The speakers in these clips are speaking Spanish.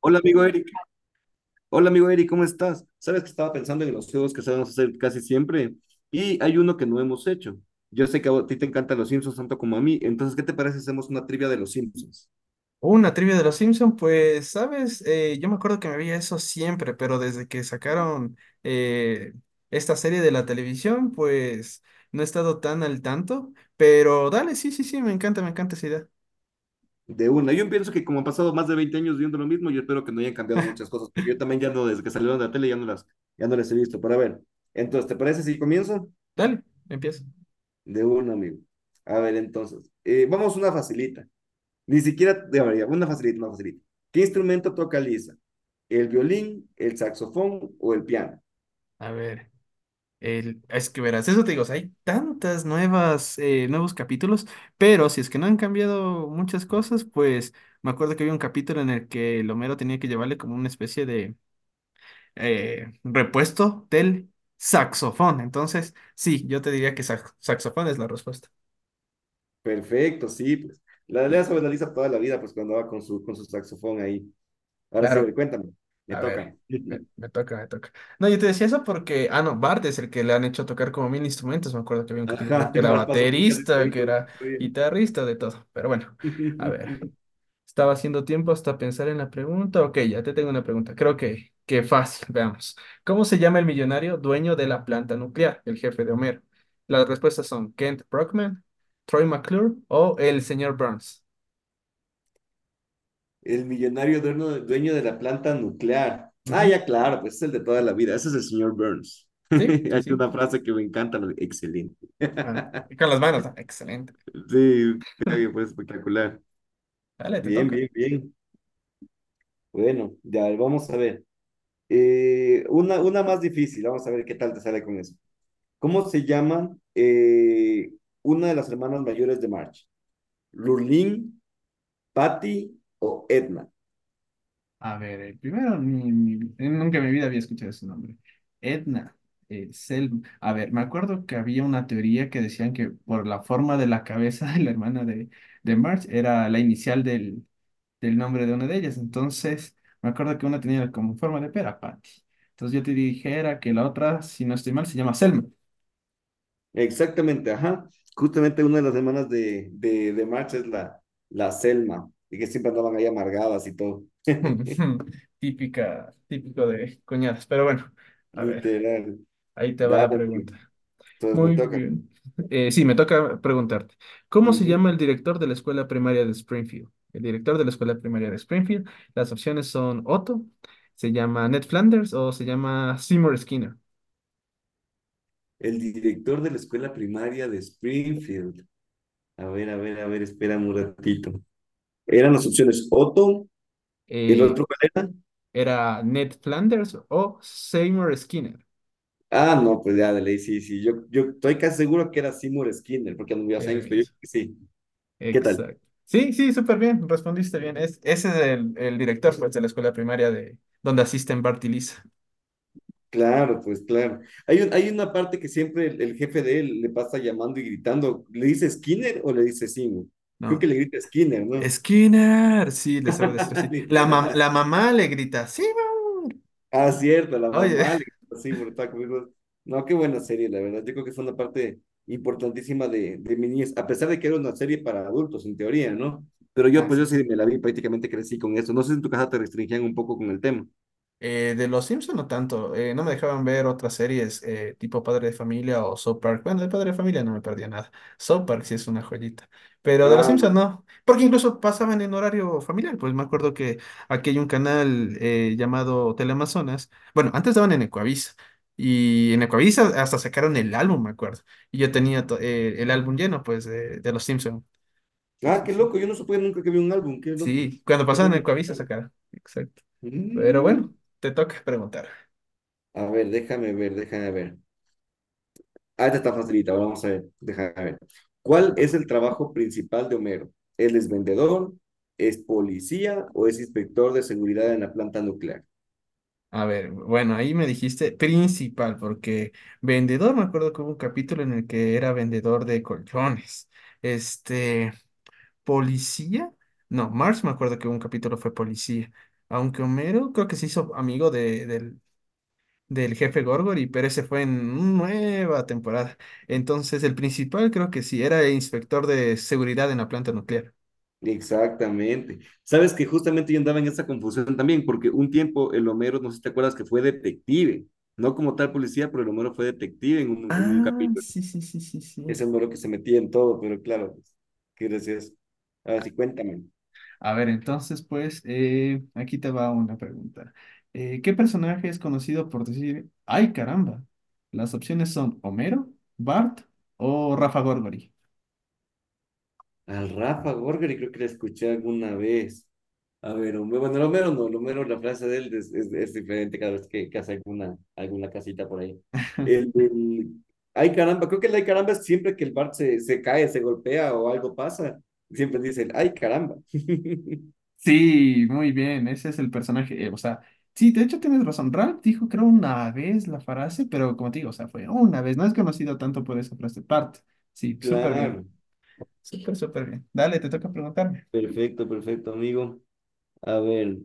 Hola amigo Eric, hola amigo Eric, ¿cómo estás? Sabes que estaba pensando en los juegos que sabemos hacer casi siempre y hay uno que no hemos hecho. Yo sé que a ti te encantan los Simpsons tanto como a mí, entonces ¿qué te parece si hacemos una trivia de los Simpsons? Una trivia de los Simpsons, pues, sabes, yo me acuerdo que me veía eso siempre, pero desde que sacaron eh, esta serie de la televisión, pues no he estado tan al tanto. Pero dale, sí, sí, sí, me encanta esa idea. De una. Yo pienso que como han pasado más de 20 años viendo lo mismo, yo espero que no hayan cambiado muchas cosas, porque yo también ya no, desde que salieron de la tele ya no las he visto. Pero a ver, entonces, ¿te parece si comienzo? Dale, empieza. De una, amigo. A ver, entonces, vamos una facilita. Ni siquiera, a ver, una facilita, una facilita. ¿Qué instrumento toca Lisa? ¿El violín, el saxofón o el piano? A ver, el, es que verás, eso te digo, o sea, hay tantas nuevas, nuevos capítulos, pero si es que no han cambiado muchas cosas, pues me acuerdo que había un capítulo en el que el Homero tenía que llevarle como una especie de repuesto del saxofón. Entonces, sí, yo te diría que saxofón es la respuesta. Perfecto, sí, pues. La Sí, lea sobre la Lisa toda la vida, pues cuando va con su, saxofón ahí. Ahora sí, a ver, claro. cuéntame. Me A toca. ver, me, me toca, me toca. No, yo te decía eso porque, no, Bart es el que le han hecho tocar como mil instrumentos. Me acuerdo que había un capítulo Ajá, que era pasó por casi baterista, que todo. era guitarrista, de todo. Pero bueno, a ver. Estaba haciendo tiempo hasta pensar en la pregunta. Ok, ya te tengo una pregunta. Creo que fácil, veamos. ¿Cómo se llama el millonario dueño de la planta nuclear, el jefe de Homero? Las respuestas son Kent Brockman, Troy McClure o el señor Burns. El millonario dueño, dueño de la planta nuclear. Ah, Ujú. ya claro, pues es el de toda la vida. Ese es el señor Burns. Sí, sí, Hay sí. una frase que me encanta, excelente. Ah, con las manos. Ah, excelente. Sí, qué bien, fue espectacular. Dale, te Bien, toca. bien, bien. Bueno, ya vamos a ver. Una más difícil, vamos a ver qué tal te sale con eso. ¿Cómo se llaman una de las hermanas mayores de March? ¿Lurleen, Patty o Edna? A ver, primero, nunca en mi vida había escuchado ese nombre. Edna. A ver, me acuerdo que había una teoría que decían que por la forma de la cabeza de la hermana de Marge era la inicial del nombre de una de ellas. Entonces, me acuerdo que una tenía como forma de pera, Patty. Entonces yo te dijera que la otra, si no estoy mal, se llama Selma. Exactamente, ajá. Justamente una de las hermanas de March es la Selma, y que siempre andaban ahí amargadas y todo. Típica, típico de cuñadas. Pero bueno, a ver, Literal. ahí te va Dale, la amigo, pregunta. entonces me Muy toca. bien. Sí, me toca preguntarte. ¿Cómo se Ujú. llama el director de la escuela primaria de Springfield? El director de la escuela primaria de Springfield. Las opciones son Otto, se llama Ned Flanders o se llama Seymour Skinner. El director de la escuela primaria de Springfield. A ver, a ver, a ver, espérame un ratito. ¿Eran las opciones Otto, el Eh, otro cuál era? ¿Era Ned Flanders o Seymour Skinner? Ah, no, pues ya, de ley, sí, sí. Yo estoy casi seguro que era Seymour Skinner, porque anduve hace El años, pero yo mismo. creo que sí. ¿Qué tal? Exacto. Sí, sí, súper bien. Respondiste bien. Ese es el director pues, de la escuela primaria de donde asisten Bart y Lisa. Claro, pues claro. Hay un, hay una parte que siempre el jefe de él le pasa llamando y gritando. ¿Le dice Skinner o le dice Seymour? Creo que No, le grita Skinner, ¿no? Skinner, sí, le sabe decir así. Literal. La mamá le grita, sí, mamá. Ah, cierto, la Oye, mamá, le gritó así brutal conmigo. No, qué buena serie, la verdad. Yo creo que fue una parte importantísima de mi niñez, a pesar de que era una serie para adultos, en teoría, ¿no? Pero yo, pues así. yo sí me la vi, prácticamente crecí con eso. No sé si en tu casa te restringían un poco con el tema. De Los Simpson no tanto, no me dejaban ver otras series tipo Padre de Familia o South Park. Bueno, de Padre de Familia no me perdía nada. South Park sí es una joyita, pero de Los Ah, Simpson lo- no, porque incluso pasaban en horario familiar. Pues me acuerdo que aquí hay un canal llamado Teleamazonas. Bueno, antes daban en Ecuavisa y en Ecuavisa hasta sacaron el álbum, me acuerdo. Y yo tenía el álbum lleno, pues, de Los Simpson. Sí, ah, sí, qué sí. loco, yo no supe nunca que vi un álbum, qué loco. Sí, cuando ¿Por pasaban qué en no? Ecuavisa sacaron. Exacto. Pero Mm. bueno, te toca preguntar. A ver, déjame ver, déjame ver. Ah, esta está facilita, ahora vamos a ver. Déjame ver. ¿Cuál es el trabajo principal de Homero? ¿Él es vendedor? ¿Es policía o es inspector de seguridad en la planta nuclear? A ver, bueno, ahí me dijiste principal, porque vendedor, me acuerdo que hubo un capítulo en el que era vendedor de colchones. Este, policía, no, Mars me acuerdo que un capítulo fue policía. Aunque Homero creo que se hizo amigo del jefe Gorgory, pero ese fue en nueva temporada. Entonces, el principal creo que sí, era el inspector de seguridad en la planta nuclear. Exactamente. Sabes que justamente yo andaba en esa confusión también, porque un tiempo el Homero, no sé si te acuerdas, que fue detective, no como tal policía, pero el Homero fue detective en un Ah, capítulo. sí, sí, sí, sí, sí. Es el Homero que se metía en todo, pero claro, pues, qué gracioso. A ver, sí, cuéntame. A ver, entonces, pues, aquí te va una pregunta. ¿Qué personaje es conocido por decir, ay caramba? Las opciones son Homero, Bart o Rafa Gorgori. Al Rafa Gorgari creo que la escuché alguna vez. A ver, bueno, el Homero no, el Homero, la frase de él es diferente cada vez que hace alguna casita por ahí. El, del ay caramba, creo que el ay caramba es siempre que el Bart se cae, se golpea o algo pasa, siempre dice el ay caramba. Sí, muy bien, ese es el personaje. O sea, sí, de hecho tienes razón. Ralph dijo, creo, una vez la frase, pero como te digo, o sea, fue una vez. No es conocido tanto por esa frase. Bart, sí, súper bien. Claro, Súper, súper bien. Dale, te toca preguntarme. perfecto, perfecto, amigo. A ver,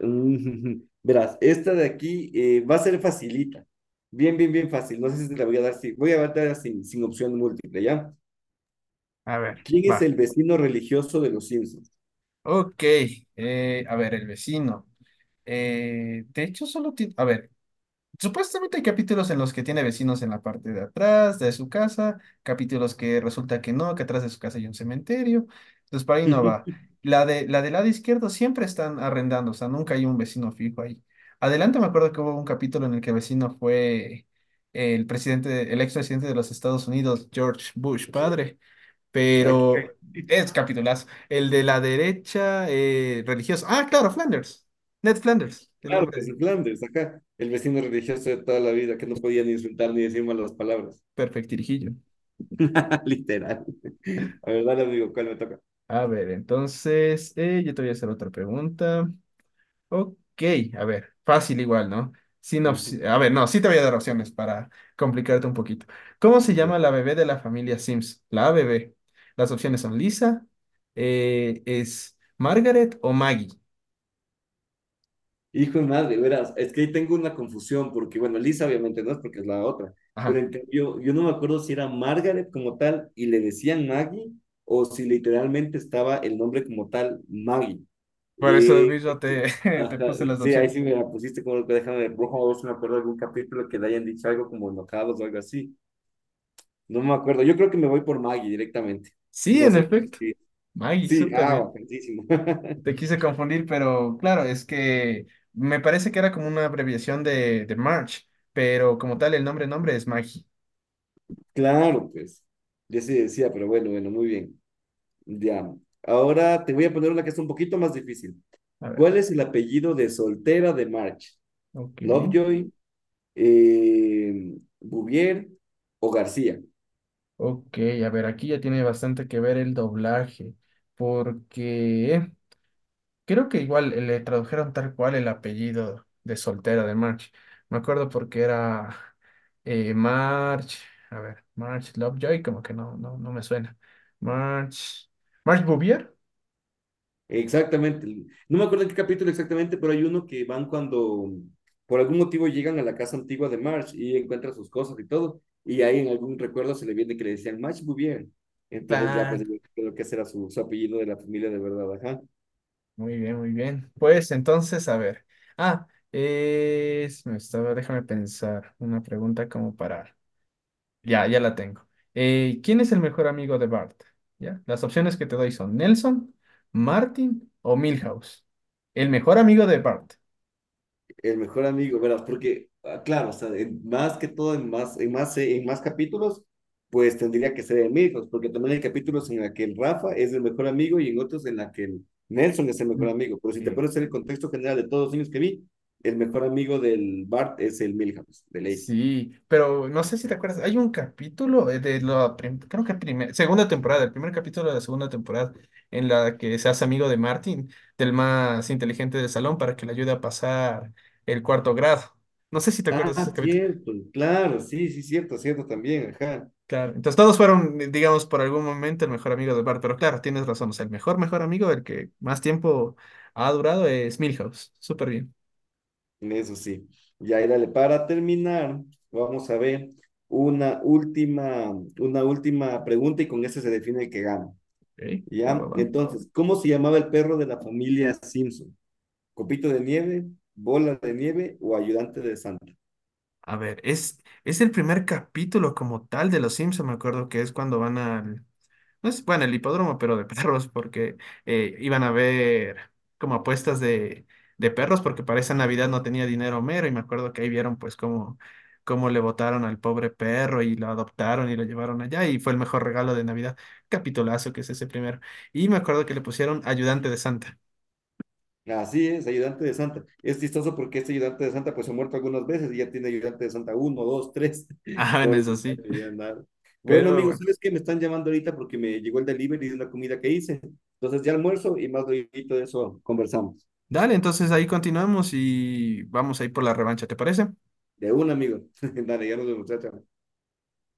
verás, esta de aquí va a ser facilita. Bien, bien, bien fácil. No sé si te la voy a dar, si voy a dar sin opción múltiple, ¿ya? A ver, ¿Quién es va. el vecino religioso de los Simpsons? Ok, a ver, el vecino. De hecho, solo tiene... A ver, supuestamente hay capítulos en los que tiene vecinos en la parte de atrás de su casa, capítulos que resulta que no, que atrás de su casa hay un cementerio. Entonces, para ahí no va. La del lado izquierdo siempre están arrendando, o sea, nunca hay un vecino fijo ahí. Adelante me acuerdo que hubo un capítulo en el que el vecino fue el presidente, el expresidente de los Estados Unidos, George Bush, padre. Aquí, Pero es capitulazo. El de la derecha religiosa. Ah, claro, Flanders. Ned Flanders, el claro, que nombre. es Flanders, acá. El vecino religioso de toda la vida que no podía ni insultar ni decir malas palabras. Perfectirijillo. Literal. La verdad, le digo, ¿cuál me toca? A ver, entonces, yo te voy a hacer otra pregunta. Ok, a ver, fácil igual, ¿no? Sin opci- A ver, no, sí te voy a dar opciones para complicarte un poquito. ¿Cómo se Ya. llama la bebé de la familia Sims? La bebé. Las opciones son Lisa, es Margaret o Maggie. Hijo de madre, verás, es que ahí tengo una confusión, porque bueno, Lisa obviamente no es porque es la otra, pero Ajá, en cambio, yo no me acuerdo si era Margaret como tal y le decían Maggie, o si literalmente estaba el nombre como tal Maggie. por eso Eh, mismo te Ajá, puse las sí, ahí sí opciones. me la pusiste como que déjame, rojo, si me acuerdo de algún capítulo que le hayan dicho algo como enojados o algo así. No me acuerdo. Yo creo que me voy por Maggie directamente. Sí, No en sé qué efecto. decir. Maggie, Sí, súper ah, bien. bacanísimo. Te quise confundir, pero claro, es que me parece que era como una abreviación de March, pero como tal el nombre, nombre es Maggie. Claro, pues. Yo sí decía, pero bueno, bueno, muy bien. Ya. Ahora te voy a poner una que es un poquito más difícil. A ver, ¿Cuál es el apellido de soltera de March? ok. ¿Lovejoy, Bouvier o García? Ok, a ver, aquí ya tiene bastante que ver el doblaje, porque creo que igual le tradujeron tal cual el apellido de soltera de March. Me acuerdo porque era eh, March, a ver, March Lovejoy, como que no, no, no me suena. March, March Bouvier. Exactamente. No me acuerdo en qué capítulo exactamente, pero hay uno que van cuando por algún motivo llegan a la casa antigua de Marge y encuentran sus cosas y todo. Y ahí en algún recuerdo se le viene que le decían Marge muy bien. Entonces ya pues Claro, creo que ese era su, apellido de la familia de verdad, ajá. muy bien, muy bien. Pues entonces, a ver. Ah, me estaba, déjame pensar una pregunta como para. Ya, ya la tengo. ¿Quién es el mejor amigo de Bart? ¿Ya? Las opciones que te doy son Nelson, Martin o Milhouse. El mejor amigo de Bart. El mejor amigo, ¿verdad? Porque, ah, claro, o sea, más que todo, en más capítulos, pues tendría que ser Milhouse, porque también hay capítulos en la que el Rafa es el mejor amigo y en otros en la que el Nelson es el mejor amigo. Pero si te Eh, pones en el contexto general de todos los niños que vi, el mejor amigo del Bart es el Milhouse, de ley. Sí, pero no sé si te acuerdas, hay un capítulo creo que primer segunda temporada, el primer capítulo de la segunda temporada, en la que se hace amigo de Martin, del más inteligente del salón, para que le ayude a pasar el cuarto grado. No sé si te acuerdas de ese Ah, capítulo. cierto, claro, sí, sí, cierto, cierto también, ajá. Claro, entonces todos fueron, digamos, por algún momento el mejor amigo de Bart, pero claro, tienes razón, o sea, el mejor, mejor amigo, el que más tiempo ha durado es Milhouse. Súper bien. Eso sí. Y ahí dale, para terminar, vamos a ver una última, una última pregunta y con esa se define el que gana. Ok, va, va, ¿Ya? va. Entonces, ¿cómo se llamaba el perro de la familia Simpson? ¿Copito de nieve, bola de nieve o ayudante de Santa? A ver, es el primer capítulo como tal de Los Simpson, me acuerdo que es cuando van al, no es, bueno, el hipódromo, pero de perros, porque iban a ver como apuestas de perros, porque para esa Navidad no tenía dinero Homero, y me acuerdo que ahí vieron pues cómo, cómo le votaron al pobre perro y lo adoptaron y lo llevaron allá, y fue el mejor regalo de Navidad. Capitulazo que es ese primero. Y me acuerdo que le pusieron ayudante de Santa. Así es, ayudante de Santa. Es chistoso porque este ayudante de Santa pues se ha muerto algunas veces y ya tiene ayudante de Santa uno, 2, 3. Ah, en Pobre eso sí, muchacho, ya nada. Bueno, pero amigos, bueno. ¿sabes qué? Me están llamando ahorita porque me llegó el delivery de una comida que hice. Entonces ya almuerzo y más luego de eso conversamos. Dale, entonces ahí continuamos y vamos a ir por la revancha, ¿te parece? De un amigo. Dale, ya nos vemos, chao, chao.